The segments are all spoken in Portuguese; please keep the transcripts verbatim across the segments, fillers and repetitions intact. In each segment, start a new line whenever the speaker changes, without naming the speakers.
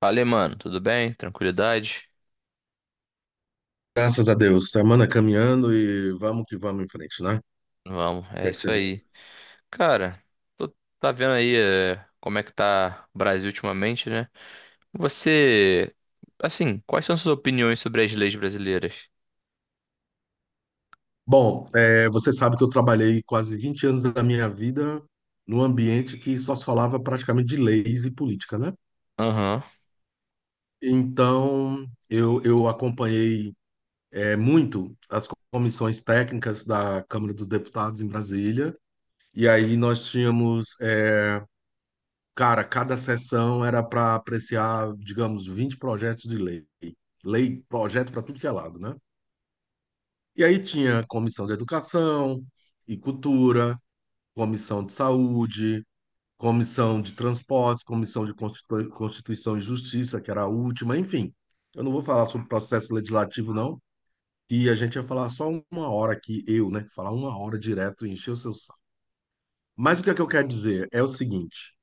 Fala, mano, tudo bem? Tranquilidade?
Graças a Deus. Semana caminhando e vamos que vamos em frente, né? O
Vamos,
que
é
é que
isso
você...
aí. Cara, tu tá vendo aí eh, como é que tá o Brasil ultimamente, né? Você, assim, quais são suas opiniões sobre as leis brasileiras?
Bom, é, você sabe que eu trabalhei quase vinte anos da minha vida num ambiente que só se falava praticamente de leis e política, né?
Aham.
Então, eu, eu acompanhei é, muito as comissões técnicas da Câmara dos Deputados em Brasília. E aí nós tínhamos, é, cara, cada sessão era para apreciar, digamos, vinte projetos de lei. Lei, projeto para tudo que é lado, né? E aí tinha comissão de educação e cultura, comissão de saúde, comissão de transportes, comissão de Constitu- Constituição e Justiça, que era a última, enfim. Eu não vou falar sobre processo legislativo, não, e a gente ia falar só uma hora aqui, eu, né? Falar uma hora direto e encher o seu saco. Mas o que é que eu quero dizer é o seguinte: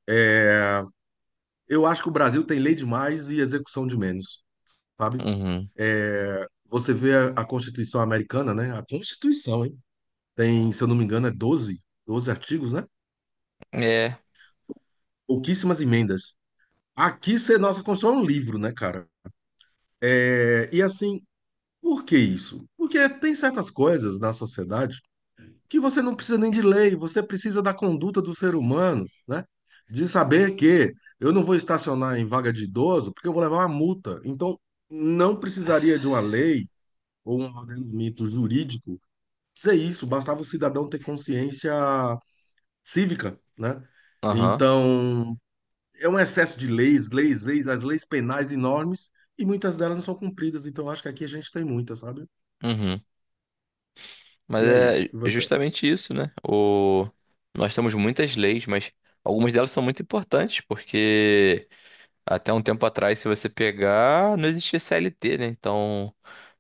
eu acho que o Brasil tem lei demais e execução de menos, sabe?
Uhum.
Você vê a, a Constituição americana, né? A Constituição, hein? Tem, se eu não me engano, é doze, doze artigos, né?
É.
Pouquíssimas emendas. Aqui, cê- nossa Constituição é um livro, né, cara? É, e assim, por que isso? Porque tem certas coisas na sociedade que você não precisa nem de lei, você precisa da conduta do ser humano, né? De saber que eu não vou estacionar em vaga de idoso porque eu vou levar uma multa. Então, não precisaria de uma lei ou um ordenamento jurídico dizer isso, bastava o cidadão ter consciência cívica, né?
Aham.
Então, é um excesso de leis, leis, leis, as leis penais enormes, e muitas delas não são cumpridas. Então, acho que aqui a gente tem muita, sabe?
Uhum. Mas
E aí,
é
e você?
justamente isso, né? O... Nós temos muitas leis, mas algumas delas são muito importantes, porque até um tempo atrás, se você pegar, não existia C L T, né? Então,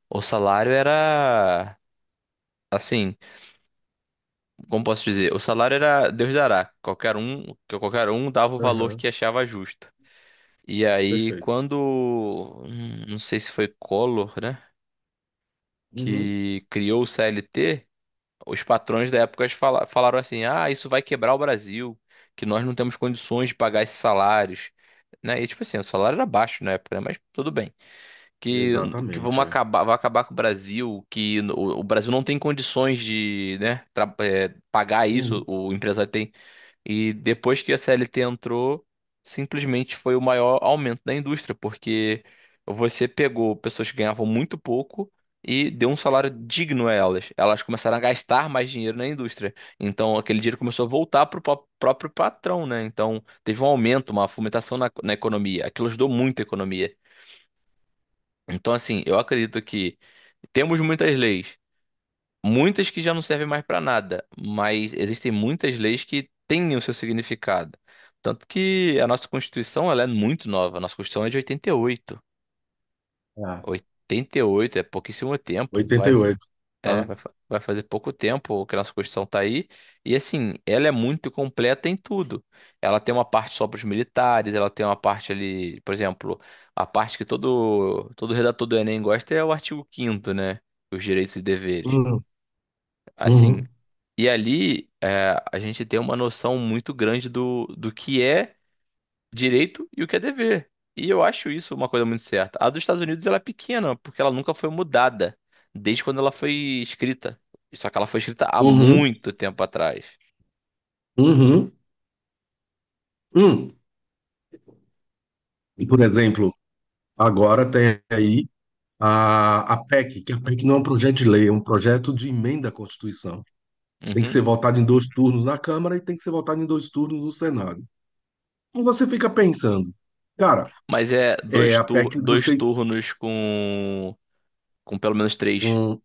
o salário era. Assim, como posso dizer, o salário era Deus dará. Qualquer um, que qualquer um dava o valor
Aham,
que achava justo. E aí,
perfeito.
quando, hum, não sei se foi Collor, né,
Uhum,
que criou o C L T, os patrões da época fala- falaram assim: "Ah, isso vai quebrar o Brasil, que nós não temos condições de pagar esses salários", né? E tipo assim, o salário era baixo na época, né? Mas tudo bem. que, que vamos
exatamente, é.
acabar, vai acabar com o Brasil, que no- o, Brasil não tem condições de, né, tra- é, pagar isso,
Uhum,
o empresário tem. E depois que a C L T entrou, simplesmente foi o maior aumento da indústria, porque você pegou pessoas que ganhavam muito pouco e deu um salário digno a elas. Elas começaram a gastar mais dinheiro na indústria. Então aquele dinheiro começou a voltar para o próprio patrão, né? Então teve um aumento, uma fomentação na, na economia. Aquilo ajudou muito a economia. Então, assim, eu acredito que temos muitas leis, muitas que já não servem mais para nada, mas existem muitas leis que têm o seu significado. Tanto que a nossa Constituição, ela é muito nova. A nossa Constituição é de oitenta e oito.
é.
oitenta e oito é pouquíssimo tempo. Vai
oitenta e oito,
é,
tá?
vai, fa- Vai fazer pouco tempo que a nossa Constituição tá aí. E assim, ela é muito completa em tudo. Ela tem uma parte só para os militares, ela tem uma parte ali, por exemplo, a parte que todo, todo redator do Enem gosta é o artigo quinto, né? Os direitos e deveres.
Uhum,
Assim,
uhum,
e ali é, a gente tem uma noção muito grande do, do que é direito e o que é dever. E eu acho isso uma coisa muito certa. A dos Estados Unidos ela é pequena, porque ela nunca foi mudada desde quando ela foi escrita. Só que ela foi escrita há
uhum,
muito tempo atrás.
uhum, uhum. E, por exemplo, agora tem aí a, a PEC, que a PEC não é um projeto de lei, é um projeto de emenda à Constituição. Tem que ser
Uhum.
votado em dois turnos na Câmara e tem que ser votado em dois turnos no Senado. e Você fica pensando, cara,
Mas é
é
dois,
a
tur
PEC do
dois
seis,
turnos com, com pelo menos três,
um,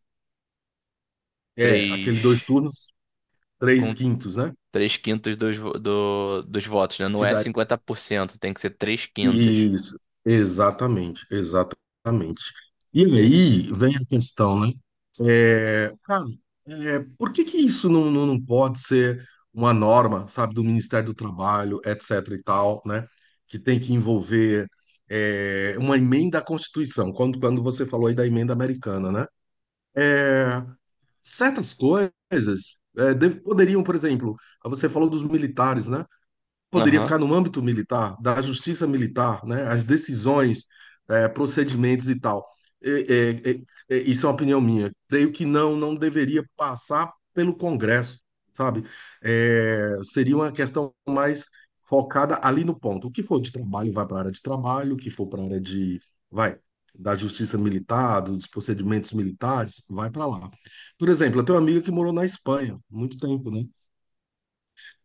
é
três,
aquele dois turnos, três
com
quintos, né?
três quintos dos, vo- do- dos votos, né? Não
Que
é
dá
cinquenta por cento, tem que ser três quintos.
isso, exatamente, exatamente. E aí vem a questão, né? É, cara, é, por que que isso não, não, não pode ser uma norma, sabe, do Ministério do Trabalho, etcétera e tal, né? Que tem que envolver é, uma emenda à Constituição, quando, quando você falou aí da emenda americana, né? É, certas coisas é, deve- poderiam, por exemplo, você falou dos militares, né? Poderia
Aham.
ficar no âmbito militar, da justiça militar, né? As decisões, eh, procedimentos e tal. Eh, eh, eh, isso é uma opinião minha. Creio que não, não deveria passar pelo Congresso, sabe? Eh, seria uma questão mais focada ali no ponto. O que for de trabalho vai para a área de trabalho, o que for para a área de, vai, da justiça militar, dos procedimentos militares, vai para lá. Por exemplo, eu tenho uma amiga que morou na Espanha muito tempo, né?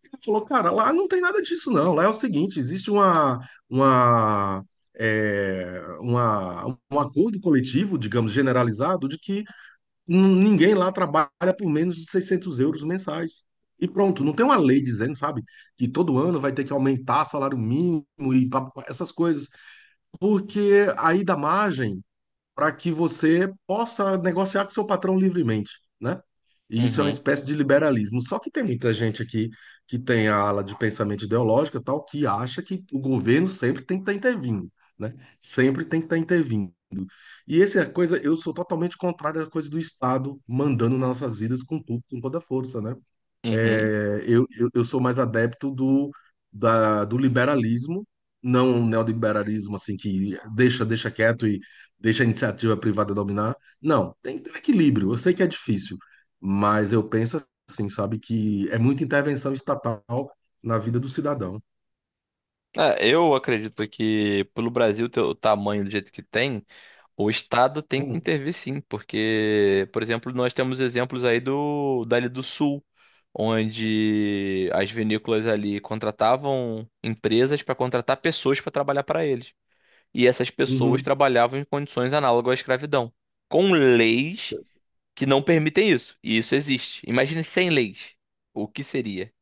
Ele falou, cara, lá não tem nada disso, não. Lá é o seguinte, existe uma, uma, é, uma- um acordo coletivo, digamos, generalizado, de que n- ninguém lá trabalha por menos de seiscentos euros mensais. E pronto, não tem uma lei dizendo, sabe, que todo ano vai ter que aumentar salário mínimo e pa- pa- essas coisas, porque aí dá margem para que você possa negociar com seu patrão livremente, né? E isso é uma
Uhum.
espécie de liberalismo. Só que tem muita gente aqui que tem a ala de pensamento ideológico e tal, que acha que o governo sempre tem que estar intervindo, né? Sempre tem que estar intervindo. E essa é a coisa, eu sou totalmente contrário à coisa do Estado mandando nas nossas vidas com tudo, com toda a força, né?
Uhum.
É, eu, eu, eu sou mais adepto do, da, do liberalismo, não um neoliberalismo assim que deixa, deixa quieto e deixa a iniciativa privada dominar. Não, tem que ter um equilíbrio. Eu sei que é difícil, mas eu penso assim, sabe, que é muita intervenção estatal na vida do cidadão.
É, eu acredito que pelo Brasil ter o tamanho do jeito que tem, o Estado tem que
Hum,
intervir sim, porque, por exemplo, nós temos exemplos aí do dali do Sul, onde as vinícolas ali contratavam empresas para contratar pessoas para trabalhar para eles. E essas pessoas
uhum,
trabalhavam em condições análogas à escravidão, com leis que não permitem isso. E isso existe. Imagine sem leis. O que seria?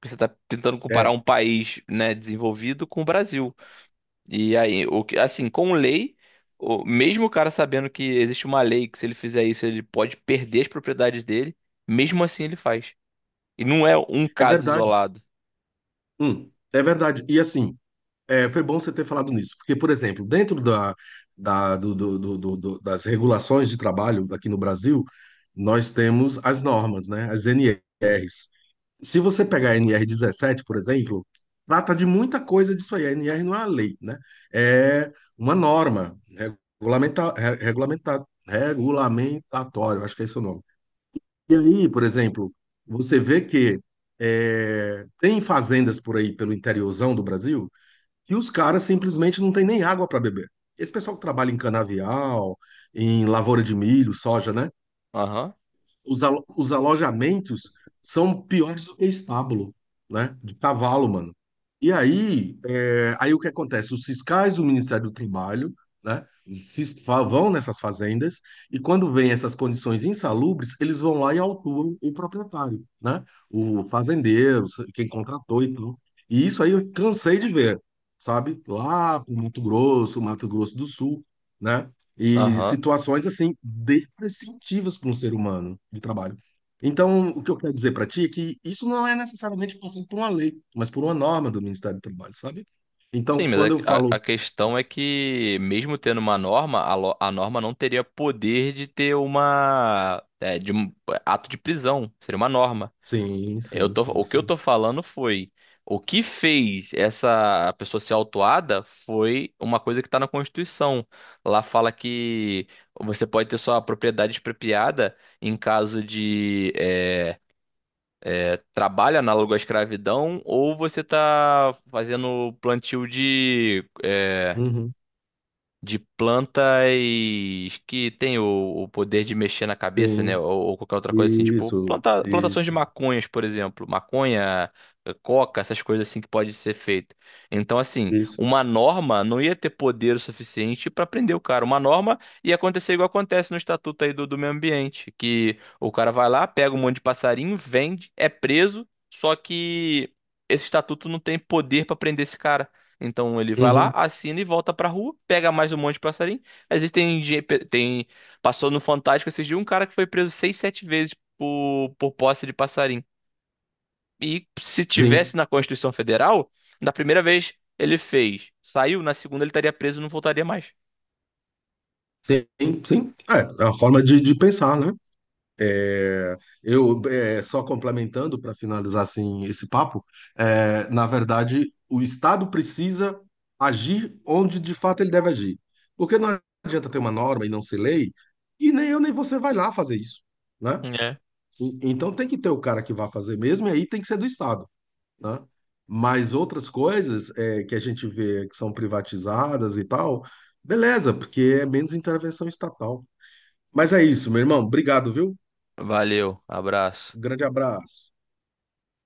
Porque você está tentando comparar um
é,
país, né, desenvolvido com o Brasil. E aí, o que, assim, com lei, o, mesmo o cara sabendo que existe uma lei que se ele fizer isso, ele pode perder as propriedades dele, mesmo assim ele faz. E não é um
é
caso
verdade.
isolado.
Hum, é verdade. E assim, É, foi bom você ter falado nisso, porque, por exemplo, dentro da, da- do- do- do- do- do- das regulações de trabalho aqui no Brasil, nós temos as normas, né? As N Rs. Se você pegar a N R dezessete, por exemplo, trata de muita coisa disso aí. A N R não é uma lei, né? É uma norma regulamenta, re- regulamenta, regulamentatória, acho que é esse o nome. E aí, por exemplo, você vê que é, tem fazendas por aí pelo interiorzão do Brasil e os caras simplesmente não têm nem água para beber. Esse pessoal que trabalha em canavial, em lavoura de milho, soja, né?
Aham,
os, alo- os alojamentos são piores do que estábulo, né? De cavalo, mano. E aí, é, aí o que acontece? Os fiscais do Ministério do Trabalho, né? fis- fa- Vão nessas fazendas e quando vêm essas condições insalubres, eles vão lá e autuam o proprietário, né? O fazendeiro, quem contratou e tudo. E isso aí eu cansei de ver, sabe? Lá pro Mato Grosso, Mato Grosso do Sul, né? E
aham.
situações assim depreciativas para um ser humano de trabalho. Então, o que eu quero dizer para ti é que isso não é necessariamente passando por uma lei, mas por uma norma do Ministério do Trabalho, sabe?
Sim,
Então,
mas
quando eu
a, a-
falo
a questão é que, mesmo tendo uma norma, a, lo- a norma não teria poder de ter uma, é, de um ato de prisão. Seria uma norma.
sim,
Eu
sim,
tô,
sim,
o que eu
sim,
tô falando foi, o que fez essa pessoa ser autuada foi uma coisa que tá na Constituição. Lá fala que você pode ter sua propriedade expropriada em caso de é, é, trabalho análogo à escravidão, ou você tá fazendo plantio de eh,
uhum,
de plantas que tem o, o poder de mexer na cabeça, né?
sim,
Ou, ou qualquer outra coisa assim, tipo
isso,
planta- plantações de
isso,
maconhas, por exemplo, maconha, eh, coca, essas coisas assim que pode ser feito. Então, assim,
isso,
uma norma não ia ter poder o suficiente para prender o cara. Uma norma ia acontecer igual acontece no estatuto aí do, do meio ambiente, que o cara vai lá, pega um monte de passarinho, vende, é preso, só que esse estatuto não tem poder para prender esse cara. Então ele vai lá,
uhum,
assina e volta pra rua, pega mais um monte de passarinho. Existem, ge- pe- tem, Passou no Fantástico esses dias um cara que foi preso seis, sete vezes por, por posse de passarinho. E se
sim,
tivesse na Constituição Federal, na primeira vez ele fez, saiu, na segunda ele estaria preso e não voltaria mais.
sim, sim, é, é uma forma de, de pensar, né? É, eu, é, só complementando para finalizar assim esse papo, é, na verdade, o Estado precisa agir onde de fato ele deve agir. Porque não adianta ter uma norma e não ser lei, e nem eu nem você vai lá fazer isso, né?
É.
E- Então tem que ter o cara que vai fazer mesmo, e aí tem que ser do Estado, né? Mas outras coisas é, que a gente vê que são privatizadas e tal, beleza, porque é menos intervenção estatal. Mas é isso, meu irmão. Obrigado, viu?
Valeu, abraço.
Um grande abraço.